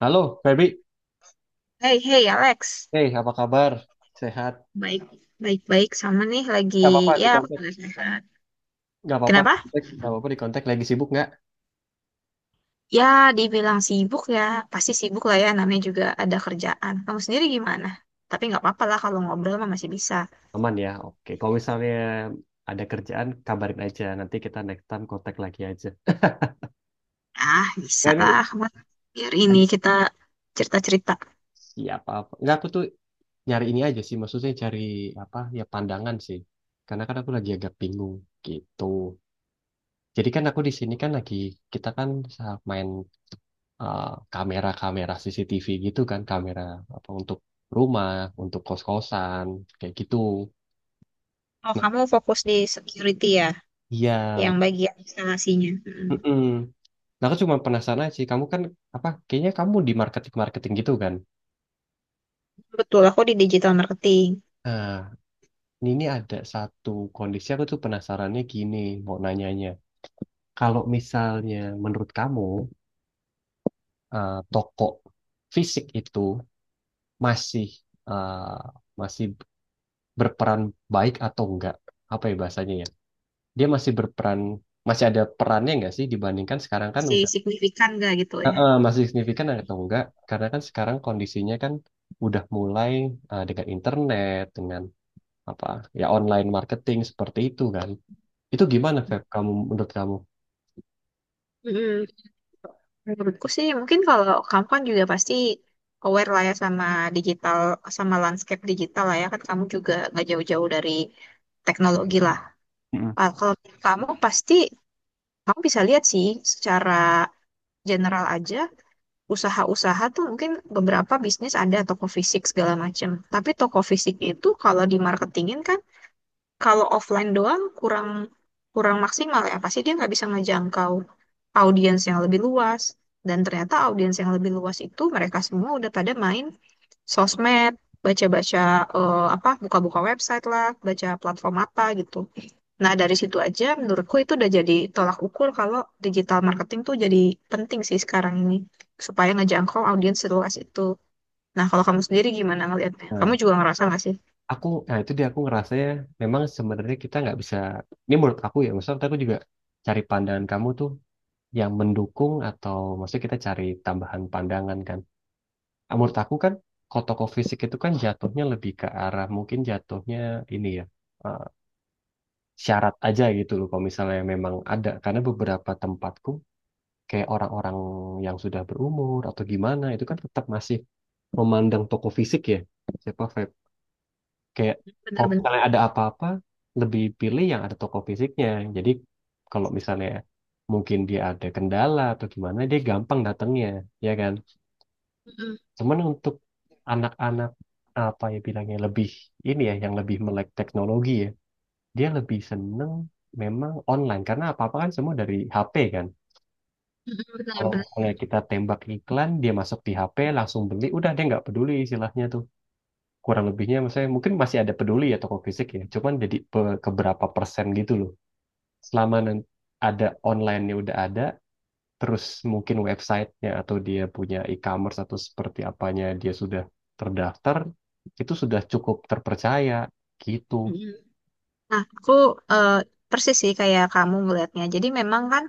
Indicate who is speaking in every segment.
Speaker 1: Halo, Feby.
Speaker 2: Hey, Alex,
Speaker 1: Hey, apa kabar? Sehat?
Speaker 2: baik, baik, baik sama nih lagi
Speaker 1: Gak apa-apa di
Speaker 2: ya aku
Speaker 1: kontak.
Speaker 2: lagi sehat.
Speaker 1: Gak apa-apa di
Speaker 2: Kenapa?
Speaker 1: kontak. Gak apa-apa di kontak. Lagi sibuk nggak?
Speaker 2: Ya, dibilang sibuk ya, pasti sibuk lah ya. Namanya juga ada kerjaan. Kamu sendiri gimana? Tapi nggak apa-apa lah kalau ngobrol mah masih bisa.
Speaker 1: Aman ya. Oke. Kalau misalnya ada kerjaan, kabarin aja. Nanti kita next time kontak lagi aja.
Speaker 2: Ah, bisa
Speaker 1: Nah, ini
Speaker 2: lah. Kamu biar ini
Speaker 1: lagi
Speaker 2: kita cerita-cerita.
Speaker 1: siapa apa? Nggak, aku tuh nyari ini aja sih. Maksudnya cari apa? Ya pandangan sih. Karena kan aku lagi agak bingung gitu. Jadi kan aku di sini kan lagi kita kan main eh, kamera-kamera CCTV gitu kan, kamera apa untuk rumah, untuk kos-kosan, kayak gitu.
Speaker 2: Oh,
Speaker 1: Nah,
Speaker 2: kamu fokus di security ya,
Speaker 1: iya,
Speaker 2: yang bagian instalasinya. Mm.
Speaker 1: mm-mm. Nah, aku cuma penasaran aja sih, kamu kan apa? Kayaknya kamu di marketing-marketing gitu kan?
Speaker 2: Betul, aku di digital marketing.
Speaker 1: Nah, ini ada satu kondisi aku tuh penasarannya gini, mau nanyanya. Kalau misalnya menurut kamu toko fisik itu masih eh, masih berperan baik atau enggak? Apa ya bahasanya ya? Dia masih berperan masih ada perannya nggak sih dibandingkan sekarang kan
Speaker 2: Masih
Speaker 1: udah.
Speaker 2: signifikan nggak gitu ya?
Speaker 1: Masih signifikan atau enggak karena kan sekarang kondisinya kan udah mulai dengan internet dengan apa ya online marketing seperti itu kan itu gimana, Feb, kamu menurut kamu.
Speaker 2: Mm. Menurutku sih mungkin kalau kamu kan juga pasti aware lah ya sama digital, sama landscape digital lah ya, kan kamu juga nggak jauh-jauh dari teknologi lah.
Speaker 1: Mm-mm.
Speaker 2: Ah, kalau kamu pasti kamu bisa lihat sih secara general aja, usaha-usaha tuh mungkin beberapa bisnis ada toko fisik segala macam. Tapi toko fisik itu kalau dimarketingin kan, kalau offline doang kurang kurang maksimal ya, pasti dia nggak bisa ngejangkau audiens yang lebih luas. Dan ternyata audiens yang lebih luas itu mereka semua udah pada main sosmed, baca-baca, apa, buka-buka website lah, baca platform apa gitu. Nah, dari situ aja menurutku itu udah jadi tolak ukur kalau digital marketing tuh jadi penting sih sekarang ini, supaya ngejangkau audiens seluas itu. Nah, kalau kamu sendiri gimana ngelihatnya? Kamu
Speaker 1: Nah,
Speaker 2: juga ngerasa nggak sih?
Speaker 1: aku, nah itu dia aku ngerasanya memang sebenarnya kita nggak bisa, ini menurut aku ya, maksudnya aku juga cari pandangan kamu tuh yang mendukung atau maksudnya kita cari tambahan pandangan kan. Ah, menurut aku kan kalau toko fisik itu kan jatuhnya lebih ke arah mungkin jatuhnya ini ya eh, syarat aja gitu loh kalau misalnya memang ada karena beberapa tempatku kayak orang-orang yang sudah berumur atau gimana itu kan tetap masih memandang toko fisik ya siapa vape kayak kalau
Speaker 2: Benar-benar.
Speaker 1: misalnya ada apa-apa lebih pilih yang ada toko fisiknya jadi kalau misalnya mungkin dia ada kendala atau gimana dia gampang datangnya ya kan.
Speaker 2: Mm-mm.
Speaker 1: Cuman untuk anak-anak apa ya bilangnya lebih ini ya yang lebih melek teknologi ya, dia lebih seneng memang online karena apa-apa kan semua dari HP kan.
Speaker 2: Mm-mm,
Speaker 1: Kalau
Speaker 2: benar-benar.
Speaker 1: misalnya kita tembak iklan, dia masuk di HP langsung beli, udah dia nggak peduli istilahnya tuh. Kurang lebihnya misalnya mungkin masih ada peduli ya toko fisik ya, cuman jadi keberapa persen gitu loh. Selama nan- ada online-nya udah ada, terus mungkin websitenya atau dia punya e-commerce atau seperti apanya dia sudah terdaftar, itu sudah cukup terpercaya gitu.
Speaker 2: Nah, aku eh, persis sih kayak kamu melihatnya. Jadi memang kan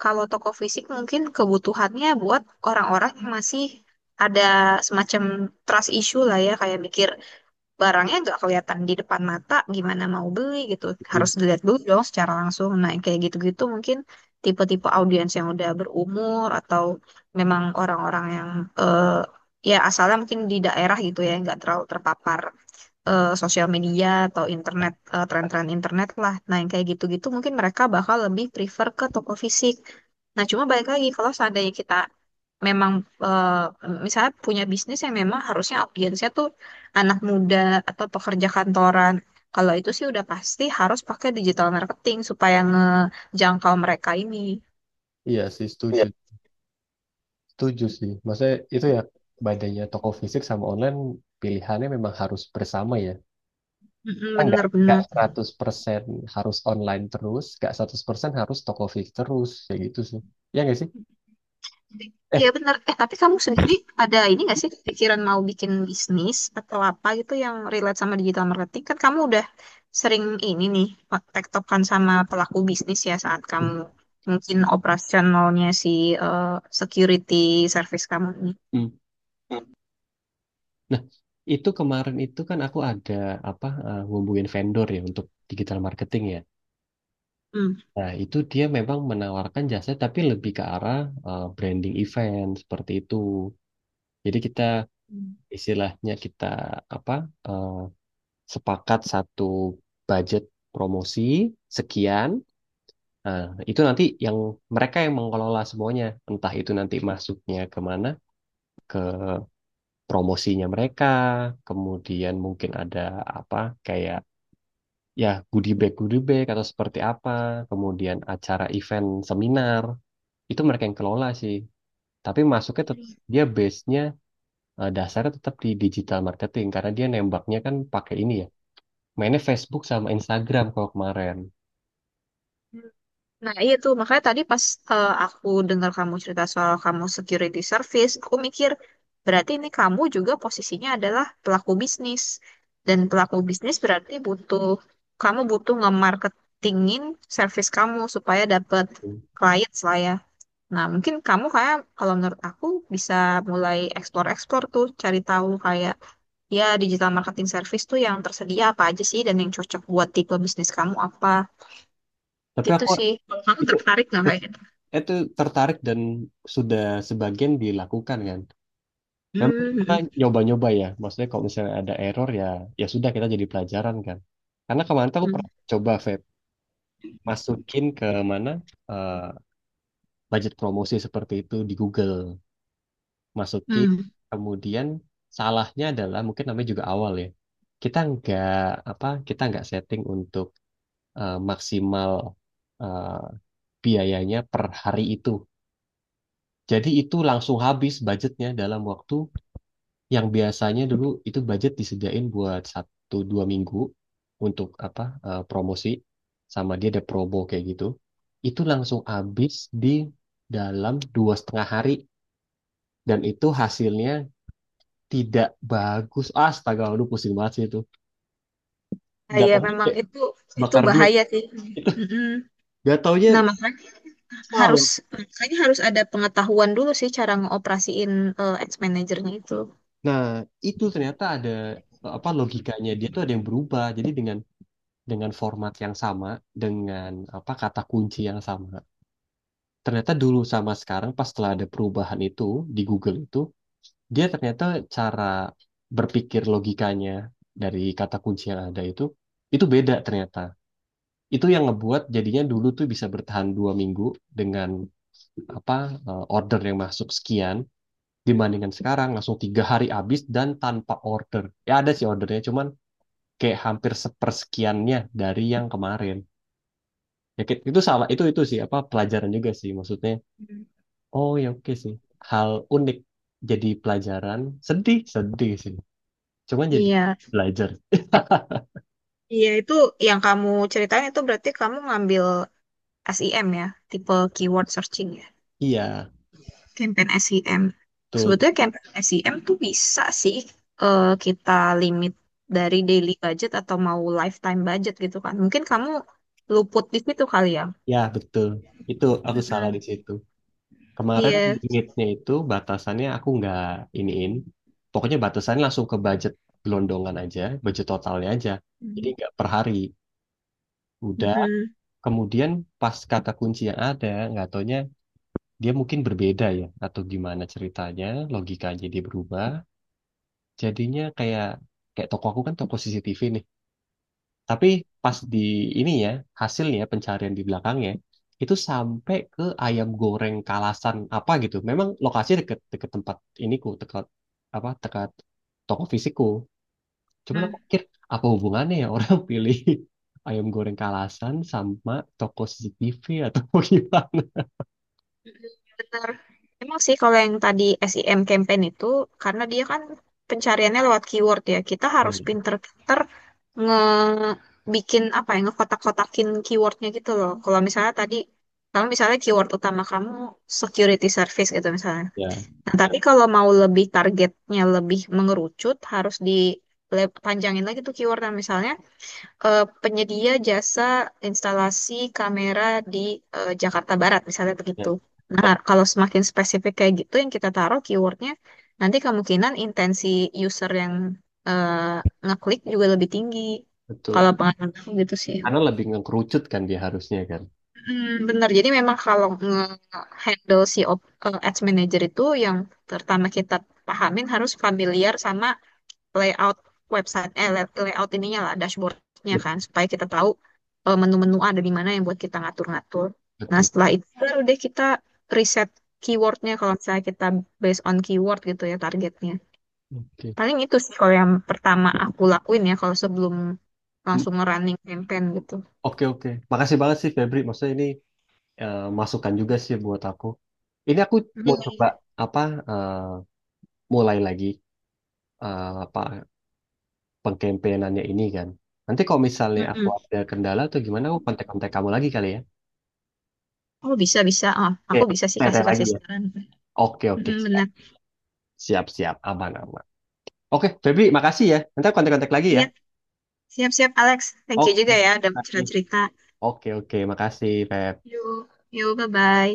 Speaker 2: kalau toko fisik mungkin kebutuhannya buat orang-orang yang masih ada semacam trust issue lah ya, kayak mikir barangnya nggak kelihatan di depan mata, gimana mau beli gitu.
Speaker 1: Hmm.
Speaker 2: Harus dilihat dulu dong secara langsung. Nah, yang kayak gitu-gitu mungkin tipe-tipe audiens yang udah berumur atau memang orang-orang yang eh, ya asalnya mungkin di daerah gitu ya, nggak terlalu terpapar sosial media atau internet, tren-tren internet lah. Nah, yang kayak gitu-gitu mungkin mereka bakal lebih prefer ke toko fisik. Nah, cuma balik lagi kalau seandainya kita memang eh, misalnya punya bisnis yang memang harusnya audiensnya tuh anak muda atau pekerja kantoran. Kalau itu sih udah pasti harus pakai digital marketing supaya ngejangkau mereka ini.
Speaker 1: Iya sih, setuju.
Speaker 2: Iya.
Speaker 1: Setuju sih. Maksudnya itu ya badannya toko fisik sama online pilihannya memang harus bersama ya.
Speaker 2: Mm-mm,
Speaker 1: Kita nggak
Speaker 2: bener-bener.
Speaker 1: 100% harus online terus, nggak 100% harus toko fisik terus. Ya gitu sih. Ya nggak sih?
Speaker 2: Iya
Speaker 1: Eh,
Speaker 2: benar. Eh, tapi kamu sendiri ada ini nggak sih pikiran mau bikin bisnis atau apa gitu yang relate sama digital marketing? Kan kamu udah sering ini nih tektokan sama pelaku bisnis ya saat kamu mungkin operasionalnya si eh, security service kamu ini.
Speaker 1: Hmm. Nah, itu kemarin itu kan aku ada apa ngubungin vendor ya untuk digital marketing ya.
Speaker 2: Hmm.
Speaker 1: Nah, itu dia memang menawarkan jasa tapi lebih ke arah branding event seperti itu. Jadi kita istilahnya kita apa eh, sepakat satu budget promosi sekian. Nah, itu nanti yang mereka yang mengelola semuanya, entah itu nanti masuknya kemana, ke promosinya mereka, kemudian mungkin ada apa kayak ya goodie bag atau seperti apa kemudian acara event seminar itu mereka yang kelola sih tapi masuknya dia base-nya dasarnya tetap di digital marketing karena dia nembaknya kan pakai ini ya mainnya Facebook sama Instagram kalau kemarin.
Speaker 2: Nah, iya tuh. Makanya tadi pas aku dengar kamu cerita soal kamu security service, aku mikir berarti ini kamu juga posisinya adalah pelaku bisnis. Dan pelaku bisnis berarti butuh, kamu butuh nge-marketingin service kamu supaya dapat
Speaker 1: Hmm.
Speaker 2: clients lah ya. Nah, mungkin kamu kayak kalau menurut aku bisa mulai explore-explore tuh, cari tahu kayak ya digital marketing service tuh yang tersedia apa aja sih dan yang cocok buat tipe bisnis kamu apa.
Speaker 1: Tapi
Speaker 2: Gitu
Speaker 1: aku
Speaker 2: sih. Kalau kamu
Speaker 1: itu
Speaker 2: tertarik nggak
Speaker 1: eh,
Speaker 2: kayak gitu?
Speaker 1: itu tertarik dan sudah sebagian dilakukan kan memang kita
Speaker 2: Hmm,
Speaker 1: nyoba-nyoba ya maksudnya kalau misalnya ada error ya ya sudah kita jadi pelajaran kan karena kemarin tuh aku
Speaker 2: hmm,
Speaker 1: pernah coba, Feb, masukin ke mana eh, budget promosi seperti itu di Google masukin
Speaker 2: hmm.
Speaker 1: kemudian salahnya adalah mungkin namanya juga awal ya kita nggak apa kita nggak setting untuk maksimal eh, biayanya per hari itu jadi itu langsung habis budgetnya dalam waktu yang biasanya dulu itu budget disediain buat satu dua minggu untuk apa promosi sama dia ada promo kayak gitu itu langsung habis di dalam dua setengah hari dan itu hasilnya tidak bagus astaga aduh pusing banget sih itu
Speaker 2: Nah, ya
Speaker 1: jatuhnya
Speaker 2: memang
Speaker 1: kayak
Speaker 2: itu
Speaker 1: bakar duit
Speaker 2: bahaya sih. Mm-mm.
Speaker 1: gak taunya
Speaker 2: Nah, harus
Speaker 1: salah.
Speaker 2: makanya harus ada pengetahuan dulu sih cara ngoperasiin ads manajernya itu.
Speaker 1: Nah, itu ternyata ada apa logikanya dia tuh ada yang berubah jadi dengan format yang sama dengan apa kata kunci yang sama ternyata dulu sama sekarang pas setelah ada perubahan itu di Google itu dia ternyata cara berpikir logikanya dari kata kunci yang ada itu beda ternyata itu yang ngebuat jadinya dulu tuh bisa bertahan dua minggu dengan apa order yang masuk sekian dibandingkan sekarang langsung tiga hari habis dan tanpa order ya ada sih ordernya cuman kayak hampir sepersekiannya dari yang kemarin ya, itu salah itu sih apa pelajaran juga sih maksudnya.
Speaker 2: Hmm.
Speaker 1: Oh ya oke sih. Hal unik jadi pelajaran. Sedih, sedih sih. Cuman jadi
Speaker 2: Iya.
Speaker 1: belajar.
Speaker 2: Iya, itu yang kamu ceritain itu berarti kamu ngambil SEM ya, tipe keyword searching ya,
Speaker 1: Iya,
Speaker 2: campaign SEM.
Speaker 1: betul.
Speaker 2: Sebetulnya campaign SEM tuh bisa sih kita limit dari daily budget atau mau lifetime budget gitu kan. Mungkin kamu luput di situ kali ya.
Speaker 1: Ya, betul. Itu aku salah di
Speaker 2: Mm-mm.
Speaker 1: situ. Kemarin
Speaker 2: Iya.
Speaker 1: limitnya itu batasannya aku nggak iniin. Pokoknya batasannya langsung ke budget gelondongan aja, budget totalnya aja. Jadi
Speaker 2: Mm.
Speaker 1: nggak per hari. Udah,
Speaker 2: Mm-mm.
Speaker 1: kemudian pas kata kunci yang ada, nggak taunya dia mungkin berbeda ya, atau gimana ceritanya, logikanya dia berubah. Jadinya kayak kayak toko aku kan toko CCTV nih. Tapi pas di ini ya, hasilnya pencarian di belakangnya itu sampai ke ayam goreng Kalasan apa gitu. Memang lokasinya deket deket tempat iniku, dekat apa dekat toko fisikku. Cuman aku
Speaker 2: Mm.
Speaker 1: pikir apa hubungannya ya orang pilih ayam goreng Kalasan sama toko CCTV atau gimana?
Speaker 2: Mm-mm. Benar. Emang sih kalau yang tadi SEM campaign itu karena dia kan pencariannya lewat keyword ya. Kita harus
Speaker 1: Ya,
Speaker 2: pinter-pinter ngebikin apa ya ngekotak-kotakin keywordnya gitu loh. Kalau misalnya tadi kalau misalnya keyword utama kamu security service gitu misalnya.
Speaker 1: ya,
Speaker 2: Nah, tapi kalau mau lebih targetnya lebih mengerucut harus di lagi tuh keywordnya misalnya penyedia jasa instalasi kamera di Jakarta Barat, misalnya begitu.
Speaker 1: ya,
Speaker 2: Nah, kalau semakin spesifik kayak gitu yang kita taruh keywordnya, nanti kemungkinan intensi user yang eh, ngeklik juga lebih tinggi. Kalau
Speaker 1: betul.
Speaker 2: pengalaman aku gitu sih.
Speaker 1: Karena lebih ngekerucut kan dia harusnya kan.
Speaker 2: Hmm, benar. Jadi memang kalau nge-handle ads manager itu yang pertama kita pahamin harus familiar sama layout website layout ininya lah dashboardnya
Speaker 1: Bet-
Speaker 2: kan supaya kita tahu menu-menu ada di mana yang buat kita ngatur-ngatur. Nah
Speaker 1: Betul.
Speaker 2: setelah itu baru deh kita riset keywordnya kalau misalnya kita based on keyword gitu ya targetnya.
Speaker 1: Oke.
Speaker 2: Paling itu sih kalau yang pertama aku lakuin ya kalau sebelum langsung running campaign gitu.
Speaker 1: Oke oke, makasih banget sih, Febri. Maksudnya ini masukan juga sih buat aku. Ini aku
Speaker 2: Iya,
Speaker 1: mau coba
Speaker 2: iya.
Speaker 1: apa eh, mulai lagi apa pengkampenyannya ini kan. Nanti kalau misalnya aku
Speaker 2: Mm-mm.
Speaker 1: ada kendala atau gimana, aku kontak-kontak kamu lagi kali ya.
Speaker 2: Oh bisa bisa, oh
Speaker 1: Oke,
Speaker 2: aku bisa sih
Speaker 1: kontak
Speaker 2: kasih
Speaker 1: lagi
Speaker 2: kasih
Speaker 1: ya.
Speaker 2: saran.
Speaker 1: Oke oke,
Speaker 2: Mm-mm,
Speaker 1: siap
Speaker 2: benar.
Speaker 1: siap siap, aman aman. Oke, Febri, makasih ya. Nanti aku kontak-kontak lagi ya.
Speaker 2: Iya, siap siap Alex. Thank you
Speaker 1: Oke,
Speaker 2: juga ya udah cerita
Speaker 1: makasih.
Speaker 2: cerita.
Speaker 1: Oke oke, makasih, Feb.
Speaker 2: Yuk, yuk, bye bye.